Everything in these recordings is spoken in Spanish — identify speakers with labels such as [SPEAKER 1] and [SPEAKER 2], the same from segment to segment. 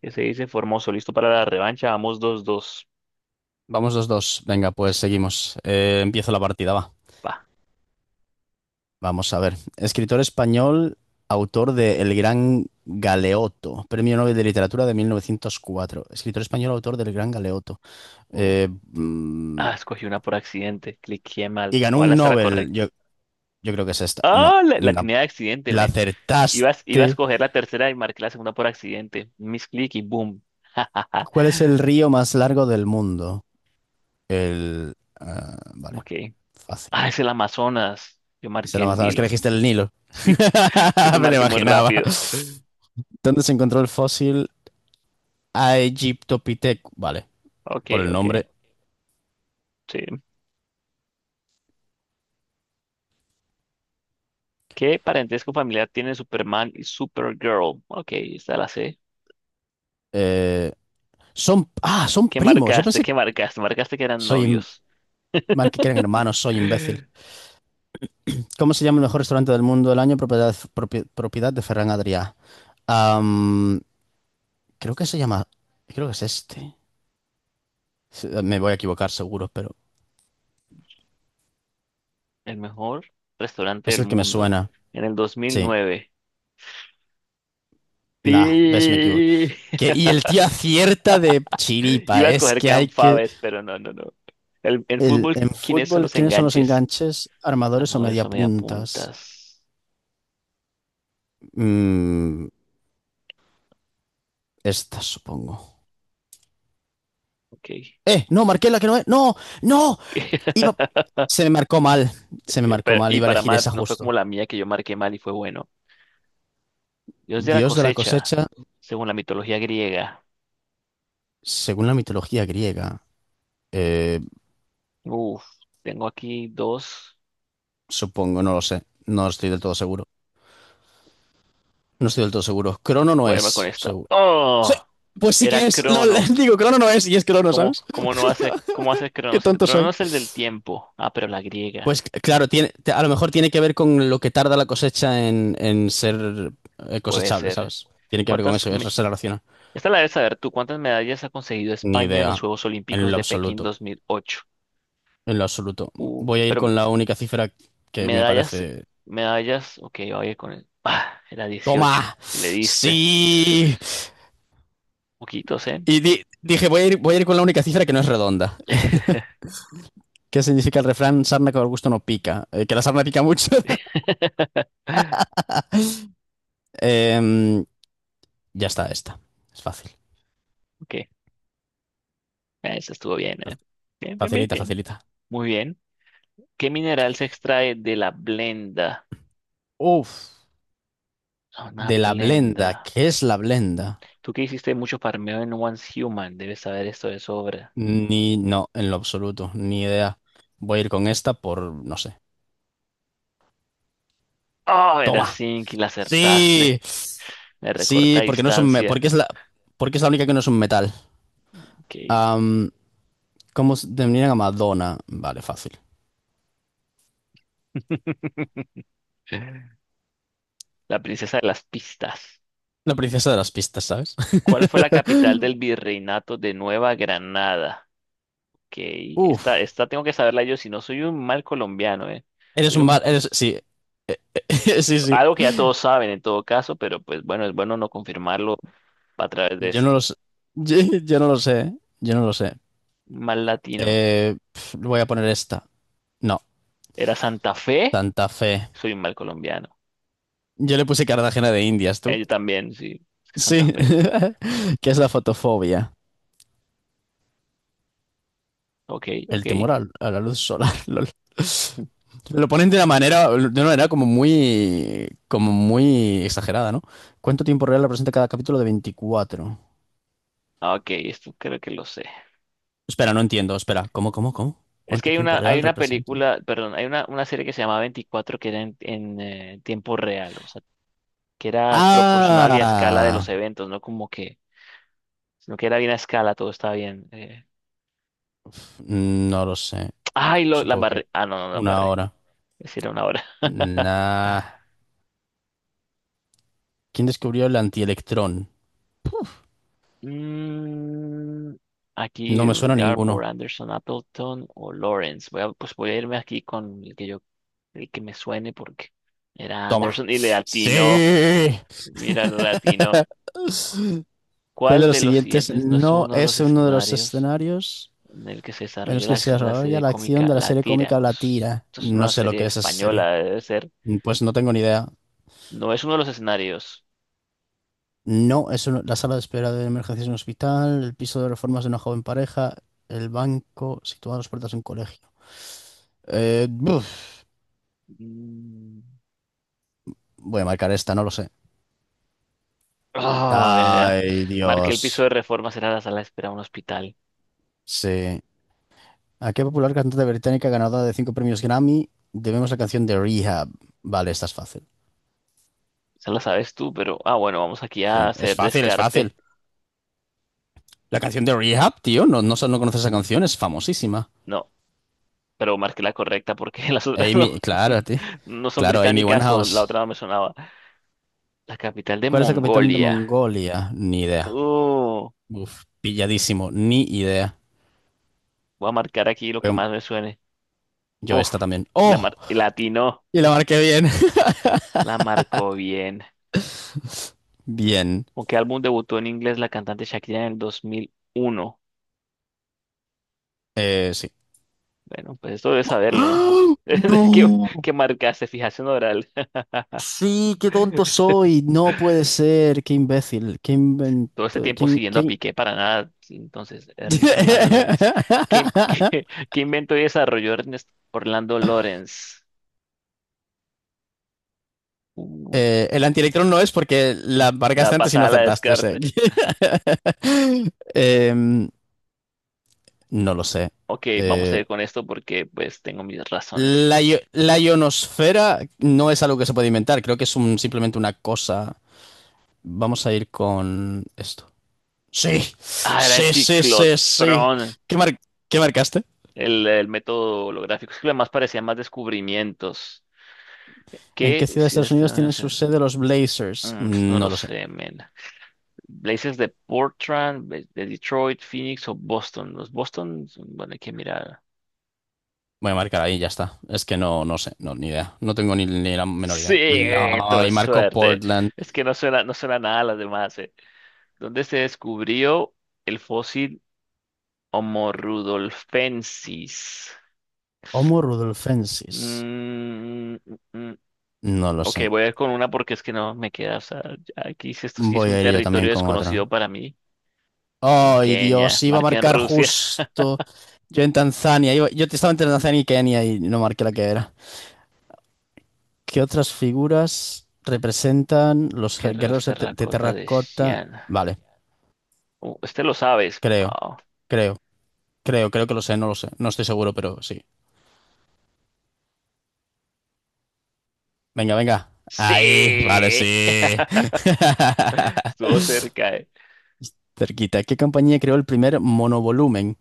[SPEAKER 1] ¿Qué se dice? Formoso, listo para la revancha. Vamos dos dos.
[SPEAKER 2] Vamos dos, dos. Venga,
[SPEAKER 1] Sí.
[SPEAKER 2] pues seguimos. Empiezo la partida, va.
[SPEAKER 1] Va.
[SPEAKER 2] Vamos a ver. Escritor español, autor de El Gran Galeoto, Premio Nobel de Literatura de 1904. Escritor español, autor del Gran Galeoto.
[SPEAKER 1] Uf,
[SPEAKER 2] Eh, mm,
[SPEAKER 1] Ah, escogí una por accidente. Cliqué
[SPEAKER 2] y
[SPEAKER 1] mal.
[SPEAKER 2] ganó
[SPEAKER 1] Ojalá
[SPEAKER 2] un
[SPEAKER 1] sea la
[SPEAKER 2] Nobel.
[SPEAKER 1] correcta.
[SPEAKER 2] Yo creo que es esta. No,
[SPEAKER 1] Ah, la
[SPEAKER 2] no.
[SPEAKER 1] tenía de accidente,
[SPEAKER 2] La
[SPEAKER 1] men. Iba a
[SPEAKER 2] acertaste.
[SPEAKER 1] escoger la tercera y marqué la segunda por accidente. Misclick y boom.
[SPEAKER 2] ¿Cuál es el río más largo del mundo? El... ah, vale,
[SPEAKER 1] Ok.
[SPEAKER 2] fácil.
[SPEAKER 1] Ah, es el Amazonas. Yo
[SPEAKER 2] Es el
[SPEAKER 1] marqué el
[SPEAKER 2] Amazonas, que
[SPEAKER 1] Nilo.
[SPEAKER 2] elegiste el Nilo.
[SPEAKER 1] Sí, creo que
[SPEAKER 2] Me lo
[SPEAKER 1] marqué muy
[SPEAKER 2] imaginaba.
[SPEAKER 1] rápido.
[SPEAKER 2] ¿Dónde se encontró el fósil Aegyptopithecus? Vale,
[SPEAKER 1] Ok,
[SPEAKER 2] por el
[SPEAKER 1] ok.
[SPEAKER 2] nombre.
[SPEAKER 1] Sí. ¿Qué parentesco familiar tienen Superman y Supergirl? Ok, está la C.
[SPEAKER 2] Eh, son
[SPEAKER 1] ¿Qué
[SPEAKER 2] primos. Yo
[SPEAKER 1] marcaste?
[SPEAKER 2] pensé que
[SPEAKER 1] ¿Qué marcaste? Marcaste que eran
[SPEAKER 2] soy im-
[SPEAKER 1] novios.
[SPEAKER 2] mal que eran hermanos, soy imbécil. ¿Cómo se llama el mejor restaurante del mundo del año? Propiedad de Ferran Adrià. Am, creo que se llama. Creo que es este. Sí, me voy a equivocar seguro, pero
[SPEAKER 1] El mejor restaurante
[SPEAKER 2] es
[SPEAKER 1] del
[SPEAKER 2] el que me
[SPEAKER 1] mundo.
[SPEAKER 2] suena.
[SPEAKER 1] En el
[SPEAKER 2] Sí.
[SPEAKER 1] 2009.
[SPEAKER 2] Nah, ves, me equivoco.
[SPEAKER 1] Sí.
[SPEAKER 2] Y el tío acierta de
[SPEAKER 1] Iba
[SPEAKER 2] chiripa.
[SPEAKER 1] a
[SPEAKER 2] Es
[SPEAKER 1] escoger
[SPEAKER 2] que
[SPEAKER 1] Can
[SPEAKER 2] hay que.
[SPEAKER 1] Fabes, pero no, no, no. El, en
[SPEAKER 2] El,
[SPEAKER 1] fútbol,
[SPEAKER 2] en
[SPEAKER 1] ¿quiénes son
[SPEAKER 2] fútbol,
[SPEAKER 1] los
[SPEAKER 2] ¿quiénes son los
[SPEAKER 1] enganches?
[SPEAKER 2] enganches, armadores o
[SPEAKER 1] ¿Armadores o
[SPEAKER 2] mediapuntas?
[SPEAKER 1] mediapuntas?
[SPEAKER 2] Mm, esta, supongo.
[SPEAKER 1] Ok,
[SPEAKER 2] ¡Eh! No,
[SPEAKER 1] vamos.
[SPEAKER 2] marqué la que no es. ¡No! ¡No! Iba. Se me marcó mal. Se me marcó
[SPEAKER 1] Pero
[SPEAKER 2] mal.
[SPEAKER 1] y
[SPEAKER 2] Iba a
[SPEAKER 1] para
[SPEAKER 2] elegir
[SPEAKER 1] mal,
[SPEAKER 2] esa
[SPEAKER 1] no fue como
[SPEAKER 2] justo.
[SPEAKER 1] la mía que yo marqué mal y fue bueno. Dios de la
[SPEAKER 2] Dios de la
[SPEAKER 1] cosecha,
[SPEAKER 2] cosecha,
[SPEAKER 1] según la mitología griega.
[SPEAKER 2] según la mitología griega. Eh,
[SPEAKER 1] Uf, tengo aquí dos.
[SPEAKER 2] supongo, no lo sé. No estoy del todo seguro. No estoy del todo seguro. Crono no
[SPEAKER 1] Voy a irme con
[SPEAKER 2] es,
[SPEAKER 1] esta.
[SPEAKER 2] seguro. Sí,
[SPEAKER 1] ¡Oh!
[SPEAKER 2] Pues sí
[SPEAKER 1] Era
[SPEAKER 2] que es.
[SPEAKER 1] Crono.
[SPEAKER 2] LOL, digo, Crono no es y es Crono,
[SPEAKER 1] ¿Cómo,
[SPEAKER 2] ¿sabes?
[SPEAKER 1] cómo no hace, cómo hace
[SPEAKER 2] Qué
[SPEAKER 1] Cronos? Si tu
[SPEAKER 2] tonto soy.
[SPEAKER 1] Cronos es el del tiempo. Ah, pero la griega.
[SPEAKER 2] Pues claro, a lo mejor tiene que ver con lo que tarda la cosecha en ser
[SPEAKER 1] Puede
[SPEAKER 2] cosechable,
[SPEAKER 1] ser.
[SPEAKER 2] ¿sabes? Tiene que ver con
[SPEAKER 1] ¿Cuántas?
[SPEAKER 2] eso, eso
[SPEAKER 1] me-
[SPEAKER 2] se relaciona.
[SPEAKER 1] Esta la debes saber tú. ¿Cuántas medallas ha conseguido
[SPEAKER 2] Ni
[SPEAKER 1] España en los
[SPEAKER 2] idea,
[SPEAKER 1] Juegos
[SPEAKER 2] en
[SPEAKER 1] Olímpicos
[SPEAKER 2] lo
[SPEAKER 1] de Pekín
[SPEAKER 2] absoluto,
[SPEAKER 1] 2008?
[SPEAKER 2] en lo absoluto. Voy a ir
[SPEAKER 1] Pero
[SPEAKER 2] con la única cifra que me
[SPEAKER 1] medallas,
[SPEAKER 2] parece...
[SPEAKER 1] medallas. Ok, oye, con el. Ah, era 18.
[SPEAKER 2] ¡Toma!
[SPEAKER 1] Y le diste.
[SPEAKER 2] ¡Sí!
[SPEAKER 1] Poquitos, ¿eh?
[SPEAKER 2] Y dije, voy a ir con la única cifra que no es redonda. ¿Qué significa el refrán? Sarna con gusto no pica. Que la sarna pica mucho. Em, ya está, esta. Es fácil.
[SPEAKER 1] Ok, eso estuvo bien, ¿eh? Bien, bien, bien,
[SPEAKER 2] Facilita,
[SPEAKER 1] bien.
[SPEAKER 2] facilita.
[SPEAKER 1] Muy bien. ¿Qué mineral se extrae de la blenda?
[SPEAKER 2] Uf.
[SPEAKER 1] Ah, una
[SPEAKER 2] De la blenda,
[SPEAKER 1] blenda.
[SPEAKER 2] ¿qué es la blenda?
[SPEAKER 1] Tú que hiciste mucho farmeo en One Human, debes saber esto de sobra.
[SPEAKER 2] Ni, no, en lo absoluto, ni idea. Voy a ir con esta por, no sé.
[SPEAKER 1] Oh, era
[SPEAKER 2] ¡Toma!
[SPEAKER 1] Sink y la acertaste.
[SPEAKER 2] ¡Sí!
[SPEAKER 1] Me recorta
[SPEAKER 2] Sí, porque no es un, me-
[SPEAKER 1] distancia.
[SPEAKER 2] porque es la única que no es un metal.
[SPEAKER 1] Ok.
[SPEAKER 2] Am, ¿cómo se denominan a Madonna? Vale, fácil.
[SPEAKER 1] La princesa de las pistas.
[SPEAKER 2] La princesa de las pistas, ¿sabes?
[SPEAKER 1] ¿Cuál fue la capital del virreinato de Nueva Granada? Ok,
[SPEAKER 2] Uf.
[SPEAKER 1] esta tengo que saberla yo, si no soy un mal colombiano, ¿eh?
[SPEAKER 2] Eres
[SPEAKER 1] Soy
[SPEAKER 2] un
[SPEAKER 1] un,
[SPEAKER 2] mal, eres, sí. Sí, sí.
[SPEAKER 1] algo que ya todos saben en todo caso, pero pues bueno, es bueno no confirmarlo a través de
[SPEAKER 2] Yo no lo
[SPEAKER 1] esto.
[SPEAKER 2] sé. Yo, yo no lo sé. ¿Eh? Yo no lo sé.
[SPEAKER 1] Mal latino.
[SPEAKER 2] Voy a poner esta. No.
[SPEAKER 1] ¿Era Santa Fe?
[SPEAKER 2] Santa Fe.
[SPEAKER 1] Soy un mal colombiano.
[SPEAKER 2] Yo le puse Cartagena de Indias, ¿tú?
[SPEAKER 1] Yo también, sí. Es que Santa
[SPEAKER 2] Sí.
[SPEAKER 1] Fe.
[SPEAKER 2] ¿Qué es la fotofobia?
[SPEAKER 1] Ok, ok.
[SPEAKER 2] El temor a la luz solar. lol. Lo ponen de una manera como muy exagerada, ¿no? ¿Cuánto tiempo real representa cada capítulo de 24?
[SPEAKER 1] Ah, ok, esto creo que lo sé.
[SPEAKER 2] Espera, no entiendo. Espera, ¿cómo, cómo, cómo?
[SPEAKER 1] Es que
[SPEAKER 2] ¿Cuánto
[SPEAKER 1] hay
[SPEAKER 2] tiempo
[SPEAKER 1] una,
[SPEAKER 2] real representa?
[SPEAKER 1] hay una serie que se llama Veinticuatro que era en, tiempo real, o sea, que era proporcional y a escala de
[SPEAKER 2] Ah,
[SPEAKER 1] los eventos, no como que, sino que era bien a escala, todo estaba bien,
[SPEAKER 2] no lo sé.
[SPEAKER 1] Ay, la
[SPEAKER 2] Supongo que
[SPEAKER 1] embarré. Ah, no, no, la
[SPEAKER 2] una
[SPEAKER 1] embarré.
[SPEAKER 2] hora.
[SPEAKER 1] Es decir, era 1 hora.
[SPEAKER 2] Nah. ¿Quién descubrió el antielectrón?
[SPEAKER 1] Mm,
[SPEAKER 2] No
[SPEAKER 1] aquí,
[SPEAKER 2] me suena a
[SPEAKER 1] Garbo,
[SPEAKER 2] ninguno.
[SPEAKER 1] Anderson, Appleton o Lawrence. Pues voy a irme aquí con el que yo, el que me suene porque era
[SPEAKER 2] Toma.
[SPEAKER 1] Anderson y le
[SPEAKER 2] Sí.
[SPEAKER 1] atinó. Mira, lo latino.
[SPEAKER 2] ¿Cuál de
[SPEAKER 1] ¿Cuál
[SPEAKER 2] los
[SPEAKER 1] de los
[SPEAKER 2] siguientes
[SPEAKER 1] siguientes no es
[SPEAKER 2] no
[SPEAKER 1] uno de los
[SPEAKER 2] es uno de los
[SPEAKER 1] escenarios
[SPEAKER 2] escenarios
[SPEAKER 1] en el que se
[SPEAKER 2] en
[SPEAKER 1] desarrolla
[SPEAKER 2] los
[SPEAKER 1] la
[SPEAKER 2] que se
[SPEAKER 1] acción de la
[SPEAKER 2] desarrolla
[SPEAKER 1] serie
[SPEAKER 2] la acción
[SPEAKER 1] cómica
[SPEAKER 2] de la
[SPEAKER 1] La
[SPEAKER 2] serie
[SPEAKER 1] Tira?
[SPEAKER 2] cómica
[SPEAKER 1] Bueno,
[SPEAKER 2] La Tira?
[SPEAKER 1] esto es
[SPEAKER 2] No
[SPEAKER 1] una
[SPEAKER 2] sé lo
[SPEAKER 1] serie
[SPEAKER 2] que es esa serie.
[SPEAKER 1] española, debe ser.
[SPEAKER 2] Pues no tengo ni idea.
[SPEAKER 1] No es uno de los escenarios.
[SPEAKER 2] No, la sala de espera de emergencias en un hospital, el piso de reformas de una joven pareja, el banco situado a las puertas de un colegio. Buf.
[SPEAKER 1] Mm.
[SPEAKER 2] Voy a marcar esta, no lo sé.
[SPEAKER 1] Ah, era.
[SPEAKER 2] Ay,
[SPEAKER 1] Marque
[SPEAKER 2] Dios.
[SPEAKER 1] el piso de reforma será la sala de espera de un hospital.
[SPEAKER 2] Sí. ¿A qué popular cantante británica ganadora de cinco premios Grammy debemos la canción de Rehab? Vale, esta es fácil.
[SPEAKER 1] Esa la sabes tú, pero ah, bueno, vamos aquí a
[SPEAKER 2] Sí, es
[SPEAKER 1] hacer
[SPEAKER 2] fácil, es
[SPEAKER 1] descarte.
[SPEAKER 2] fácil. La canción de Rehab, tío, no, no, no conoces esa canción, es famosísima.
[SPEAKER 1] No, pero marqué la correcta porque las otras no,
[SPEAKER 2] Amy, claro, tío.
[SPEAKER 1] no son
[SPEAKER 2] Claro, Amy
[SPEAKER 1] británicas o la
[SPEAKER 2] Winehouse.
[SPEAKER 1] otra no me sonaba. La capital de
[SPEAKER 2] ¿Cuál es el capitán de
[SPEAKER 1] Mongolia.
[SPEAKER 2] Mongolia? Ni idea.
[SPEAKER 1] Uh,
[SPEAKER 2] Uf, pilladísimo, ni idea.
[SPEAKER 1] voy a marcar aquí lo que
[SPEAKER 2] Yo
[SPEAKER 1] más me suene.
[SPEAKER 2] yo
[SPEAKER 1] Uf,
[SPEAKER 2] esta también.
[SPEAKER 1] y la
[SPEAKER 2] ¡Oh!
[SPEAKER 1] mar y la atinó.
[SPEAKER 2] Y la marqué bien.
[SPEAKER 1] La marcó bien.
[SPEAKER 2] Bien.
[SPEAKER 1] ¿Con qué álbum debutó en inglés la cantante Shakira en el 2001?
[SPEAKER 2] Sí.
[SPEAKER 1] Bueno, pues esto debe saberlo, ¿no?
[SPEAKER 2] ¡Ah!
[SPEAKER 1] ¿Qué,
[SPEAKER 2] ¡No!
[SPEAKER 1] ¿qué marcaste? Fijación oral.
[SPEAKER 2] Sí, qué tonto soy. No puede ser. Qué imbécil. Qué
[SPEAKER 1] Todo este
[SPEAKER 2] invento.
[SPEAKER 1] tiempo siguiendo a Piqué para nada. Entonces, Ernest Orlando Lawrence. ¿Qué, qué, ¿qué inventó y desarrolló Ernest Orlando Lawrence? Uh,
[SPEAKER 2] El antielectrón no es porque la marcaste
[SPEAKER 1] la
[SPEAKER 2] antes y no
[SPEAKER 1] pasada la
[SPEAKER 2] acertaste. O sea,
[SPEAKER 1] descarte.
[SPEAKER 2] que- Em, no lo sé.
[SPEAKER 1] Ok, vamos a
[SPEAKER 2] Eh,
[SPEAKER 1] ir con esto porque pues tengo mis razones.
[SPEAKER 2] la ionosfera no es algo que se puede inventar. Creo que simplemente una cosa. Vamos a ir con esto. Sí,
[SPEAKER 1] Ah, era el
[SPEAKER 2] sí, sí, sí, sí.
[SPEAKER 1] ciclotrón,
[SPEAKER 2] ¿Qué mar- qué marcaste?
[SPEAKER 1] el método holográfico. Es que lo demás parecía más descubrimientos.
[SPEAKER 2] ¿En
[SPEAKER 1] ¿Qué?
[SPEAKER 2] qué ciudad de
[SPEAKER 1] Si
[SPEAKER 2] Estados
[SPEAKER 1] este
[SPEAKER 2] Unidos
[SPEAKER 1] no
[SPEAKER 2] tienen su
[SPEAKER 1] sé.
[SPEAKER 2] sede los Blazers?
[SPEAKER 1] Mm, pues, no lo
[SPEAKER 2] No lo sé.
[SPEAKER 1] sé, men. Blazes de Portland, de Detroit, Phoenix o Boston. Los Boston, bueno, hay que mirar.
[SPEAKER 2] Voy a marcar ahí, ya está. Es que no sé, no, ni idea. No tengo ni la menor
[SPEAKER 1] Sí,
[SPEAKER 2] idea. No,
[SPEAKER 1] tuve
[SPEAKER 2] y marco
[SPEAKER 1] suerte.
[SPEAKER 2] Portland.
[SPEAKER 1] Es que no suena, no suena nada a las demás, eh. ¿Dónde se descubrió el fósil Homo rudolfensis?
[SPEAKER 2] Homo rudolfensis.
[SPEAKER 1] Mm, mm, mm.
[SPEAKER 2] No lo
[SPEAKER 1] Ok,
[SPEAKER 2] sé.
[SPEAKER 1] voy a ir con una porque es que no me queda. O sea, ya aquí sí, esto sí es
[SPEAKER 2] Voy
[SPEAKER 1] un
[SPEAKER 2] a ir yo
[SPEAKER 1] territorio
[SPEAKER 2] también con
[SPEAKER 1] desconocido
[SPEAKER 2] otra.
[SPEAKER 1] para mí. En
[SPEAKER 2] Ay,
[SPEAKER 1] Kenia,
[SPEAKER 2] Dios, iba a
[SPEAKER 1] marca en
[SPEAKER 2] marcar
[SPEAKER 1] Rusia.
[SPEAKER 2] justo. Yo en Tanzania. Yo estaba entre Tanzania y Kenia y no marqué la que era. ¿Qué otras figuras representan los
[SPEAKER 1] Guerreros
[SPEAKER 2] guerreros de
[SPEAKER 1] terracota de
[SPEAKER 2] terracota?
[SPEAKER 1] Xi'an.
[SPEAKER 2] Vale,
[SPEAKER 1] Este lo sabes.
[SPEAKER 2] creo,
[SPEAKER 1] Wow.
[SPEAKER 2] creo. Creo, creo que lo sé. No estoy seguro, pero sí. Venga, venga. Ahí, vale, sí.
[SPEAKER 1] Sí, estuvo cerca, eh.
[SPEAKER 2] Cerquita. ¿Qué compañía creó el primer monovolumen?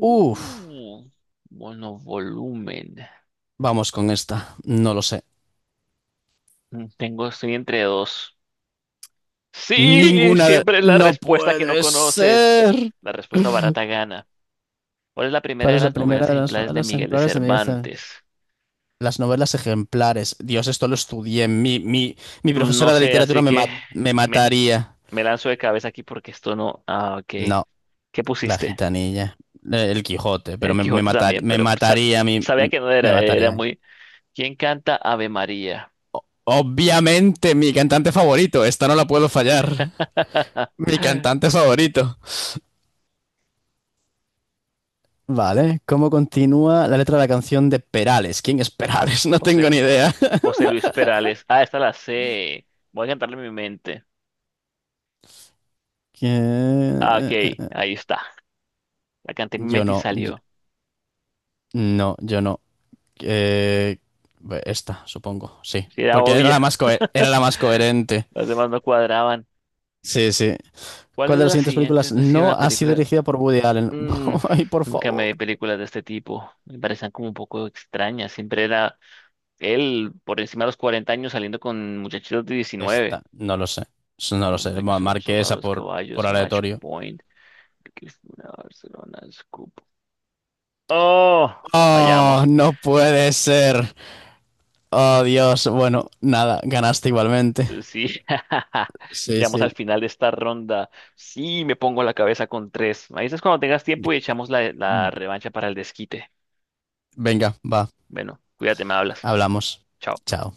[SPEAKER 2] Uf,
[SPEAKER 1] monovolumen.
[SPEAKER 2] vamos con esta. No lo sé.
[SPEAKER 1] Mm, tengo, estoy entre dos. Sí, siempre es la
[SPEAKER 2] No
[SPEAKER 1] respuesta que no
[SPEAKER 2] puede
[SPEAKER 1] conoces.
[SPEAKER 2] ser.
[SPEAKER 1] La respuesta barata gana. ¿Cuál es la primera
[SPEAKER 2] ¿Cuál
[SPEAKER 1] de
[SPEAKER 2] es la
[SPEAKER 1] las
[SPEAKER 2] primera
[SPEAKER 1] novelas
[SPEAKER 2] de las
[SPEAKER 1] ejemplares de
[SPEAKER 2] novelas
[SPEAKER 1] Miguel de
[SPEAKER 2] ejemplares de Miguel Cervantes?
[SPEAKER 1] Cervantes?
[SPEAKER 2] Las novelas ejemplares. Dios, esto lo estudié. Mi
[SPEAKER 1] Mm, no
[SPEAKER 2] profesora de
[SPEAKER 1] sé,
[SPEAKER 2] literatura
[SPEAKER 1] así
[SPEAKER 2] me,
[SPEAKER 1] que
[SPEAKER 2] ma- me
[SPEAKER 1] me,
[SPEAKER 2] mataría.
[SPEAKER 1] me lanzo de cabeza aquí porque esto no. Ah, ok.
[SPEAKER 2] No.
[SPEAKER 1] ¿Qué
[SPEAKER 2] La
[SPEAKER 1] pusiste?
[SPEAKER 2] gitanilla. El Quijote, pero
[SPEAKER 1] El
[SPEAKER 2] me, me
[SPEAKER 1] Quijote
[SPEAKER 2] matar-
[SPEAKER 1] también,
[SPEAKER 2] me
[SPEAKER 1] pero
[SPEAKER 2] mataría, a mí
[SPEAKER 1] sabía que no
[SPEAKER 2] me
[SPEAKER 1] era, era
[SPEAKER 2] mataría.
[SPEAKER 1] muy. ¿Quién canta Ave María?
[SPEAKER 2] Obviamente, mi cantante favorito. Esta no la puedo fallar. Mi cantante favorito. Vale, ¿cómo continúa la letra de la canción de Perales? ¿Quién es Perales? No tengo
[SPEAKER 1] José,
[SPEAKER 2] ni idea.
[SPEAKER 1] José Luis Perales. Ah, esta la sé. Voy a cantarle en mi mente. Ah, ok,
[SPEAKER 2] Que-
[SPEAKER 1] ahí está. La canté en mi
[SPEAKER 2] Yo
[SPEAKER 1] mente y
[SPEAKER 2] no,
[SPEAKER 1] salió.
[SPEAKER 2] no, yo no. Eh, Esta, supongo, sí.
[SPEAKER 1] Si era
[SPEAKER 2] Porque
[SPEAKER 1] obvia,
[SPEAKER 2] era la más coherente.
[SPEAKER 1] las demás no cuadraban.
[SPEAKER 2] Sí, sí. ¿Cuál
[SPEAKER 1] ¿Cuáles
[SPEAKER 2] de
[SPEAKER 1] de
[SPEAKER 2] las
[SPEAKER 1] las
[SPEAKER 2] siguientes películas
[SPEAKER 1] siguientes no ha sido
[SPEAKER 2] no
[SPEAKER 1] una
[SPEAKER 2] ha sido
[SPEAKER 1] película?
[SPEAKER 2] dirigida por Woody Allen?
[SPEAKER 1] Mm,
[SPEAKER 2] Ay, por
[SPEAKER 1] nunca me
[SPEAKER 2] favor.
[SPEAKER 1] vi películas de este tipo. Me parecían como un poco extrañas. Siempre era él por encima de los 40 años saliendo con muchachitos de 19.
[SPEAKER 2] Esta, no lo sé. Eso. No
[SPEAKER 1] El
[SPEAKER 2] lo sé.
[SPEAKER 1] hombre que
[SPEAKER 2] Ma-
[SPEAKER 1] sobre sus
[SPEAKER 2] Marqué esa
[SPEAKER 1] raros
[SPEAKER 2] por
[SPEAKER 1] caballos, Match
[SPEAKER 2] aleatorio.
[SPEAKER 1] Point, Cristina Barcelona, Scoop. ¡Oh!
[SPEAKER 2] Oh,
[SPEAKER 1] Fallamos.
[SPEAKER 2] no puede ser. Oh, Dios. Bueno, nada, ganaste igualmente.
[SPEAKER 1] Sí,
[SPEAKER 2] Sí,
[SPEAKER 1] llegamos
[SPEAKER 2] sí.
[SPEAKER 1] al final de esta ronda. Sí, me pongo la cabeza con tres. Me dices cuando tengas tiempo y echamos la revancha para el desquite.
[SPEAKER 2] Venga, va.
[SPEAKER 1] Bueno, cuídate, me hablas.
[SPEAKER 2] Hablamos.
[SPEAKER 1] Chao.
[SPEAKER 2] Chao.